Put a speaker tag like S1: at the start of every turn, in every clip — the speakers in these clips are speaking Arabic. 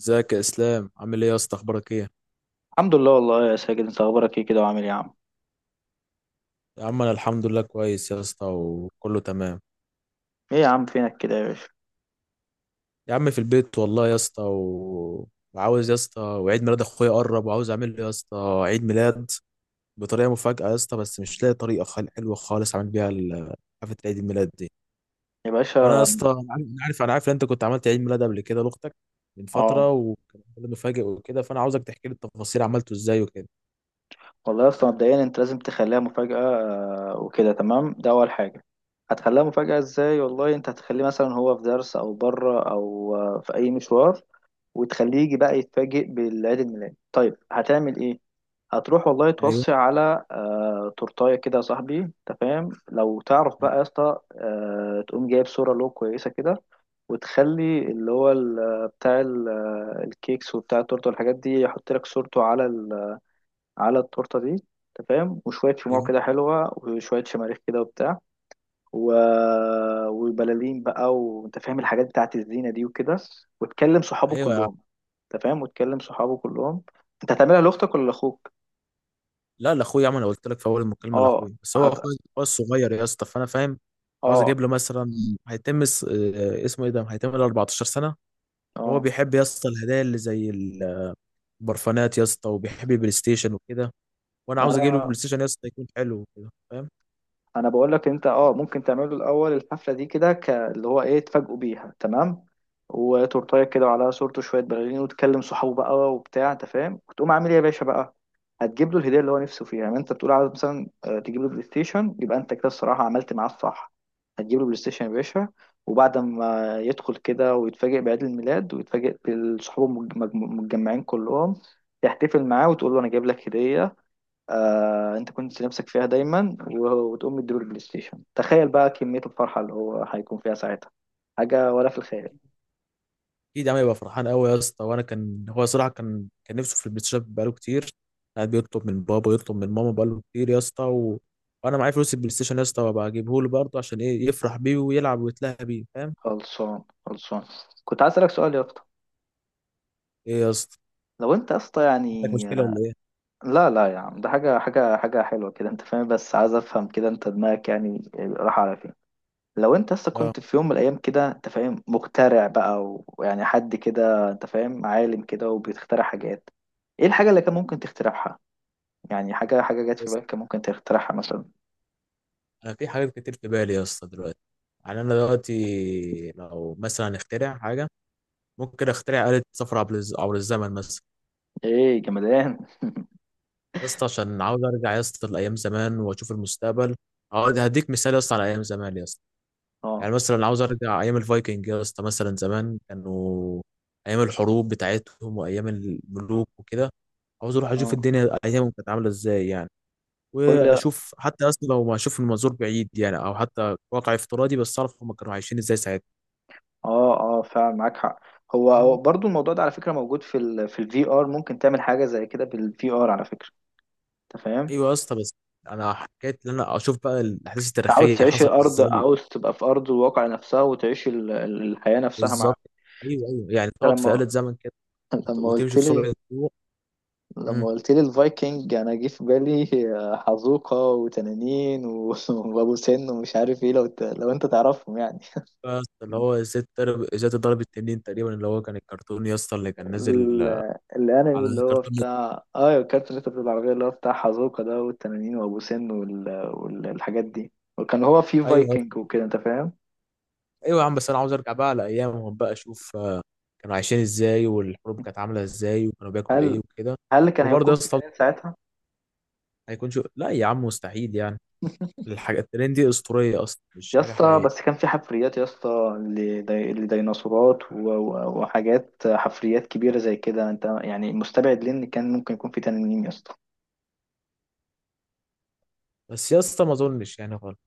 S1: ازيك يا اسلام؟ عامل ايه يا اسطى؟ اخبارك ايه؟
S2: الحمد لله، والله يا ساجد، انت اخبارك ايه كده وعامل ايه يا عم؟
S1: يا عم انا الحمد لله، كويس يا اسطى وكله تمام.
S2: ايه يا عم، فينك كده يا باشا؟
S1: يا عم في البيت والله يا اسطى وعاوز يا اسطى، وعيد ميلاد اخويا قرب وعاوز اعمل له يا اسطى عيد ميلاد بطريقه مفاجاه يا اسطى. بس مش لاقي طريقه حلوه خالص اعمل بيها حفله عيد الميلاد دي.
S2: يا
S1: فانا يا
S2: باشا.
S1: اسطى، انا عارف ان انت كنت عملت عيد ميلاد قبل كده لاختك من
S2: اه
S1: فتره، وكان ميلاد مفاجئ وكده، فانا عاوزك تحكي لي التفاصيل عملته ازاي وكده.
S2: والله يا اسطى، مبدئيا انت لازم تخليها مفاجأة، وكده تمام، ده اول حاجة. هتخليها مفاجأة ازاي؟ والله انت هتخليه مثلا هو في درس او بره او في اي مشوار، وتخليه يجي بقى يتفاجئ بالعيد الميلاد. طيب هتعمل ايه؟ هتروح والله
S1: ايوه،
S2: توصي على تورتايه كده يا صاحبي، انت فاهم، لو تعرف بقى يا اسطى تقوم جايب صورة له كويسة كده، وتخلي اللي هو بتاع الكيكس وبتاع التورته والحاجات دي يحط لك صورته على على التورته دي، انت فاهم، وشويه شموع
S1: ايوه،
S2: كده حلوه، وشويه شماريخ كده وبتاع و... وبلالين بقى، وانت فاهم الحاجات بتاعت الزينه دي وكده، وتكلم صحابه
S1: ايوه.
S2: كلهم، انت فاهم، وتكلم صحابه كلهم. انت هتعملها لاختك ولا لاخوك؟
S1: لا، لاخويا يا عم، انا قلت لك في اول المكالمه
S2: اه.
S1: لاخويا، بس هو
S2: هت...
S1: اخويا هو الصغير يا اسطى، فانا فاهم. عاوز
S2: اه.
S1: اجيب له مثلا، هيتم اسمه ايه ده، هيتم له 14 سنه. هو
S2: اه،
S1: بيحب يا اسطى الهدايا اللي زي البرفانات يا اسطى، وبيحب البلاي ستيشن وكده. وانا
S2: ما
S1: عاوز اجيب له
S2: انا
S1: بلاي ستيشن يا اسطى يكون حلو وكده، فاهم.
S2: انا بقول لك، انت اه ممكن تعملوا الاول الحفله دي كده، اللي هو ايه، تفاجئوا بيها، تمام، وتورتايه كده وعلى صورته شويه بلالين، وتكلم صحابه بقى وبتاع، انت فاهم، وتقوم عامل ايه يا باشا بقى. هتجيب له الهديه اللي هو نفسه فيها، يعني انت بتقول عاوز مثلا، تجيب له بلاي ستيشن، يبقى انت كده الصراحه عملت معاه الصح. هتجيب له بلاي ستيشن يا باشا، وبعد ما يدخل كده ويتفاجئ بعيد الميلاد ويتفاجئ بصحابه متجمعين كلهم، تحتفل معاه وتقول له انا جايب لك هديه، آه انت كنت نفسك فيها دايما، وتقوم مديله البلاي ستيشن. تخيل بقى كمية الفرحة اللي هو هيكون فيها ساعتها، حاجة ولا في الخيال.
S1: اكيد يا عم، يبقى فرحان قوي يا اسطى. وانا كان هو صراحه كان نفسه في البلاي ستيشن بقاله كتير. قاعد بيطلب من بابا، يطلب من ماما بقاله كتير يا اسطى، وانا معايا فلوس البلاي ستيشن يا اسطى، وابقى اجيبه له برضه، عشان ايه، يفرح بيه ويلعب ويتلهى بيه، فاهم.
S2: خلصان، كنت عايز اسألك سؤال يا اسطى.
S1: ايه يا اسطى،
S2: لو انت يا اسطى
S1: عندك
S2: يعني،
S1: مشكله ولا ايه؟
S2: لا لا يا عم، ده حاجة حلوة كده، انت فاهم، بس عايز افهم كده انت دماغك يعني راح على فين. لو انت اصلا
S1: اه.
S2: كنت في يوم من الايام كده، انت فاهم، مخترع بقى ويعني حد كده، انت فاهم، عالم كده وبيخترع حاجات، ايه الحاجة اللي كان ممكن تخترعها؟ يعني حاجة، جت في
S1: بس
S2: بالك كان ممكن تخترعها مثلا.
S1: انا في حاجات كتير في بالي يا اسطى دلوقتي. يعني انا دلوقتي لو مثلا اخترع حاجه، ممكن اخترع آلة سفر عبر عبر الزمن مثلا.
S2: ايه جمدان.
S1: يا اسطى، عشان عاوز ارجع يا اسطى لايام زمان واشوف المستقبل. هديك مثال يا اسطى على ايام زمان يا اسطى.
S2: اه
S1: يعني مثلا عاوز ارجع ايام الفايكنج يا اسطى، مثلا زمان كانوا ايام الحروب بتاعتهم وايام الملوك وكده. عاوز اروح اشوف
S2: اه.
S1: الدنيا ايامهم كانت عامله ازاي يعني.
S2: كل اه،
S1: واشوف حتى، اصلا لو ما اشوف من منظور بعيد يعني، او حتى واقع افتراضي، بس اعرف هم كانوا عايشين ازاي ساعتها.
S2: اه فعلا معاك حق. هو برضو الموضوع ده على فكره موجود في ال في الفي ار، ممكن تعمل حاجه زي كده بالفي ار على فكره، انت فاهم.
S1: ايوه يا اسطى. بس انا حكيت ان انا اشوف بقى الاحداث
S2: انت عاوز
S1: التاريخيه
S2: تعيش
S1: حصلت
S2: الارض،
S1: ازاي.
S2: عاوز تبقى في ارض الواقع نفسها وتعيش الحياه نفسها مع.
S1: بالظبط. ايوه، ايوه، يعني
S2: أنت
S1: تقعد في
S2: لما
S1: آلة زمن كده
S2: لما قلت
S1: وتمشي في
S2: لي
S1: سرعه الضوء.
S2: لما
S1: امم
S2: قلت لي الفايكنج، انا جه في بالي حزوقه وتنانين وابو سن ومش عارف ايه، لو انت تعرفهم يعني.
S1: بس اللي هو ازاي تضرب التنين تقريبا اللي هو كان الكرتون يا اسطى اللي كان نازل
S2: الانمي
S1: على
S2: اللي هو
S1: الكرتون.
S2: بتاع الكارت اللي انت بتقول العربيه، اللي هو بتاع حازوكا ده والتنانين وابو سن والحاجات دي، وكان هو في
S1: ايوه، ايوه.
S2: فايكنج وكده، انت فاهم.
S1: أيوة يا عم، بس انا عاوز ارجع بقى على ايامهم بقى، اشوف كانوا عايشين ازاي، والحروب كانت عامله ازاي، وكانوا بياكلوا ايه
S2: هل
S1: وكده.
S2: هل كان
S1: وبرضه
S2: هيكون
S1: يا
S2: في
S1: اسطى،
S2: تنانين ساعتها؟
S1: هيكون شو، لا يا عم مستحيل يعني. الحاجة الترند دي أسطورية أصلا، مش
S2: يا
S1: حاجة
S2: اسطى
S1: حقيقية.
S2: بس كان في حفريات يا اسطى، لديناصورات وحاجات حفريات كبيره زي كده، انت يعني مستبعد ليه ان كان ممكن يكون في تنانين يا اسطى؟
S1: بس يا اسطى ما أظنش يعني خالص،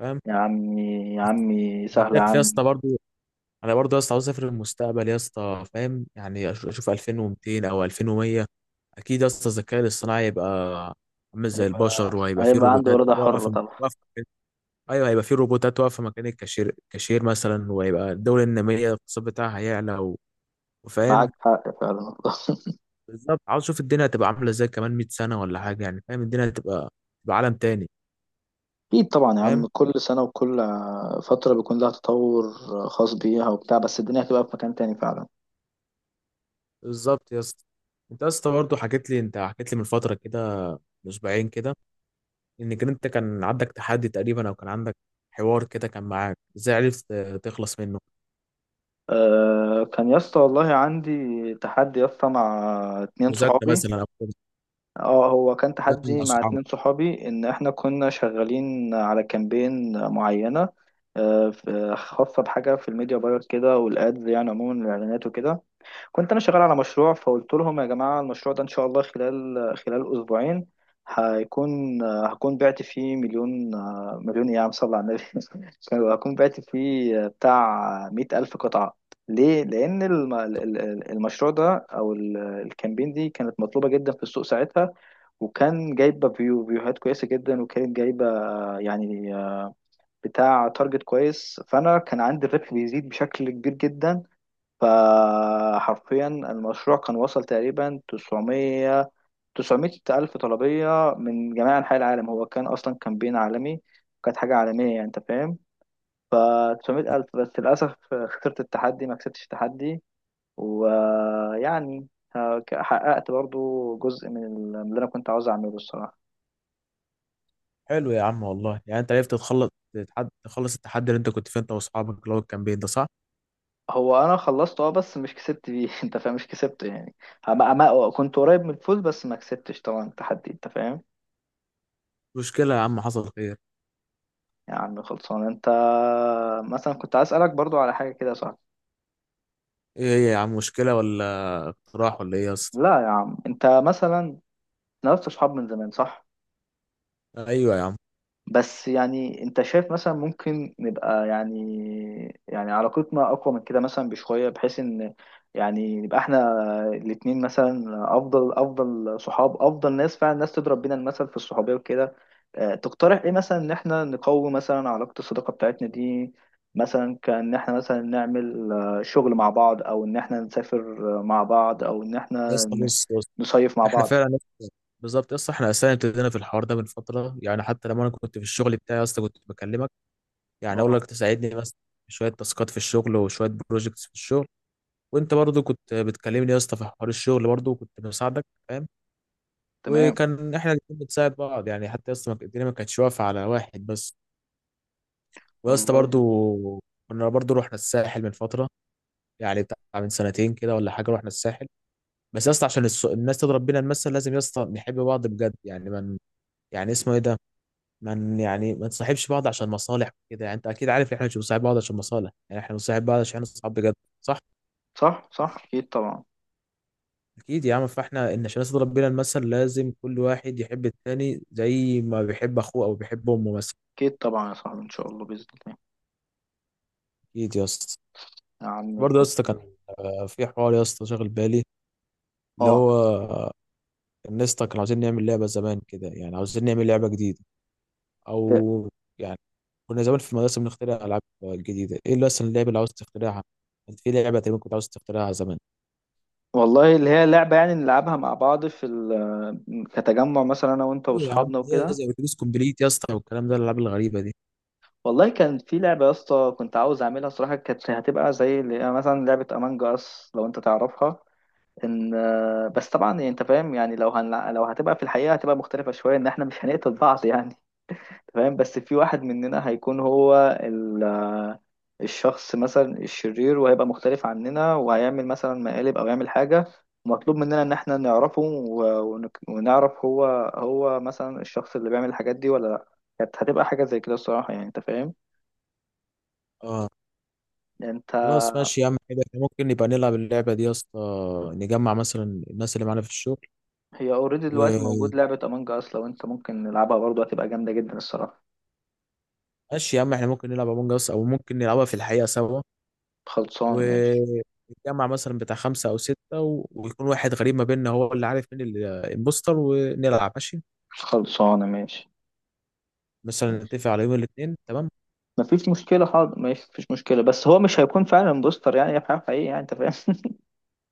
S1: فاهم.
S2: يا عمي يا عمي،
S1: أنا
S2: سهله يا
S1: شايف
S2: عم.
S1: يا اسطى، برضو أنا برضو يا اسطى عاوز أسافر المستقبل يا اسطى، فاهم، يعني أشوف 2200 أو 2100. أكيد يا اسطى الذكاء الاصطناعي هيبقى عامل زي
S2: هيبقى
S1: البشر، وهيبقى فيه
S2: هيبقى عنده
S1: روبوتات
S2: اراده حره
S1: واقفة
S2: طبعا.
S1: واقفة أيوه، هيبقى فيه روبوتات واقفة مكان الكاشير مثلا، وهيبقى الدولة النامية الاقتصاد بتاعها هيعلى وفاهم.
S2: معاك حق فعلا.
S1: بالظبط، عاوز اشوف الدنيا هتبقى عامله ازاي كمان 100 سنه ولا حاجه يعني، فاهم الدنيا هتبقى تبقى عالم تاني.
S2: أكيد طبعا يا
S1: فاهم،
S2: عم، كل سنة وكل فترة بيكون لها تطور خاص بيها وبتاع، بس الدنيا هتبقى في مكان تاني فعلا.
S1: بالظبط يا اسطى. انت يا اسطى برضه حكيت لي من فتره كده، من اسبوعين كده، انك انت كان عندك تحدي تقريبا، او كان عندك حوار كده كان معاك، ازاي عرفت تخلص منه؟
S2: أه، كان يا اسطى والله عندي تحدي يا اسطى مع اتنين
S1: مذاكره
S2: صحابي.
S1: مثلا او كده،
S2: اه، هو كان
S1: مذاكره مع
S2: تحدي مع
S1: اصحابك.
S2: اتنين صحابي، ان احنا كنا شغالين على كامبين معينة. أه خاصة بحاجة في الميديا باير كده والادز، يعني عموما الاعلانات وكده. كنت انا شغال على مشروع، فقلت لهم يا جماعه، المشروع ده ان شاء الله خلال اسبوعين هيكون هكون بعت فيه مليون. مليون ايه يا عم، صل على النبي. هكون بعت فيه بتاع مئة ألف قطعة. ليه؟ لأن المشروع ده أو الكامبين دي كانت مطلوبة جدا في السوق ساعتها، وكان جايبة فيوهات كويسة جدا، وكانت جايبة يعني بتاع تارجت كويس، فأنا كان عندي الربح بيزيد بشكل كبير جدا. فحرفيا المشروع كان وصل تقريبا 900، 900 ألف طلبية من جميع أنحاء العالم، هو كان أصلا كامبين عالمي، كانت حاجة عالمية يعني، أنت فاهم. ف 900 ألف، بس للأسف خسرت التحدي، ما كسبتش التحدي. ويعني حققت برضو جزء من من اللي أنا كنت عاوز أعمله الصراحة.
S1: حلو يا عم والله، يعني انت عرفت تخلص، تخلص التحدي اللي انت كنت فيه انت واصحابك، اللي هو الكامبين ده، صح؟
S2: هو أنا خلصت أه، بس مش كسبت بيه. أنت فاهم، مش كسبت يعني. كنت قريب من الفوز، بس ما كسبتش طبعا التحدي، أنت فاهم.
S1: مشكله يا عم، حصل خير.
S2: يا عم خلصان انت، مثلا كنت عايز اسالك برضو على حاجه كده صح؟
S1: ايه هي يا عم، مشكله ولا اقتراح ولا ايه يا اسطى؟
S2: لا يا عم، انت مثلا نفس صحاب من زمان صح؟
S1: ايوه يا عم.
S2: بس يعني انت شايف مثلا ممكن نبقى يعني، علاقتنا اقوى من كده مثلا بشوية، بحيث ان يعني نبقى احنا الاتنين مثلا افضل صحاب، افضل ناس فعلا، الناس تضرب بينا المثل في الصحوبية وكده. اه، تقترح ايه مثلا ان احنا نقوي مثلا علاقة الصداقة بتاعتنا دي؟ مثلا كان احنا مثلا نعمل شغل مع بعض، او ان احنا نسافر اه، مع بعض، او ان
S1: يا
S2: احنا
S1: اسطى بص بص.
S2: نصيف مع
S1: احنا
S2: بعض.
S1: فعلا لسه- بالظبط يا اسطى، احنا اساسا ابتدينا في الحوار ده من فتره، يعني حتى لما انا كنت في الشغل بتاعي يا اسطى كنت بكلمك، يعني اقول
S2: اه
S1: لك تساعدني بس في شويه تاسكات في الشغل وشويه بروجكتس في الشغل. وانت برضو كنت بتكلمني يا اسطى في حوار الشغل برضو، وكنت بساعدك، فاهم.
S2: تمام
S1: وكان احنا الاتنين بنساعد بعض يعني، حتى يا اسطى الدنيا ما كانتش واقفه على واحد بس. ويا اسطى
S2: والله.
S1: برضو، كنا برضو رحنا الساحل من فتره، يعني بتاع من سنتين كده ولا حاجه، رحنا الساحل. بس يا اسطى عشان الناس تضرب بينا المثل، لازم يا اسطى نحب بعض بجد يعني. يعني اسمه ايه ده، من يعني ما نصاحبش بعض عشان مصالح كده. يعني انت اكيد عارف ان احنا مش بنصاحب بعض عشان مصالح، يعني احنا بنصاحب بعض عشان احنا اصحاب بجد، صح.
S2: صح صح، اكيد طبعا.
S1: اكيد يا عم، فاحنا ان عشان نصل ربنا المثل، لازم كل واحد يحب التاني زي ما بيحب اخوه او بيحب امه مثلا.
S2: اكيد طبعا يا صاحبي، ان شاء الله باذن الله.
S1: اكيد يا اسطى.
S2: يا عم
S1: برضه يا
S2: الفضل.
S1: اسطى كان في حوار يا اسطى شاغل بالي، اللي
S2: اه
S1: هو الناس كانوا عاوزين نعمل لعبه زمان كده، يعني عاوزين نعمل لعبه جديده
S2: إيه،
S1: او يعني، كنا زمان في المدرسه بنخترع العاب جديده. ايه اللي اصلا اللعبه اللي عاوز تخترعها انت، في لعبه تقريبا كنت عاوز تخترعها زمان؟
S2: والله اللي هي لعبه يعني نلعبها مع بعض في كتجمع مثلا انا وانت
S1: ايوه يا عم،
S2: واصحابنا
S1: زي
S2: وكده.
S1: زي اتوبيس كومبليت يا اسطى والكلام ده، الالعاب الغريبه دي.
S2: والله كان في لعبه يا اسطى كنت عاوز اعملها صراحه، كانت هتبقى زي اللي هي مثلا لعبه امانج اس لو انت تعرفها. ان، بس طبعا يعني انت فاهم، يعني لو هتبقى في الحقيقه هتبقى مختلفه شويه، ان احنا مش هنقتل بعض يعني. تمام، بس في واحد مننا هيكون هو الشخص مثلا الشرير، وهيبقى مختلف عننا وهيعمل مثلا مقالب او يعمل حاجة، ومطلوب مننا ان احنا نعرفه ونعرف هو مثلا الشخص اللي بيعمل الحاجات دي ولا لا. كانت هتبقى حاجة زي كده الصراحة، يعني انت فاهم.
S1: اه.
S2: يعني انت
S1: خلاص ماشي يا عم حلو. إحنا ممكن نبقى نلعب اللعبه دي يا اسطى، نجمع مثلا الناس اللي معانا في الشغل.
S2: هي اوريدي دلوقتي موجود
S1: وماشي
S2: لعبة امانج اس، لو انت ممكن نلعبها برضه هتبقى جامدة جدا الصراحة.
S1: يا عم، احنا ممكن نلعب امونج اس، او ممكن نلعبها في الحقيقه سوا.
S2: خلصان ماشي.
S1: ونتجمع مثلا بتاع خمسه او سته ويكون واحد غريب ما بيننا هو اللي عارف مين الامبوستر، ونلعب ماشي.
S2: خلصانة ماشي.
S1: مثلا
S2: ماشي.
S1: نتفق على يوم الاثنين، تمام.
S2: مفيش مشكلة حاضر ماشي، مفيش مشكلة، بس هو مش هيكون فعلا بوستر يعني هي حقيقي يعني، انت فاهم.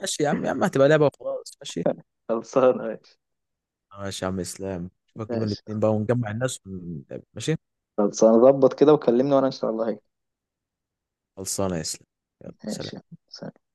S1: ماشي يا عم، يا عم هتبقى لعبه وخلاص، ماشي.
S2: خلصانة ماشي.
S1: ماشي يا عم اسلام، نشوفك يوم
S2: ماشي،
S1: الاثنين بقى ونجمع الناس ماشي.
S2: خلاص هنظبط كده وكلمني وانا ان شاء الله هيك.
S1: خلصانه يا اسلام، يلا
S2: ماشي.
S1: سلام.
S2: سلام.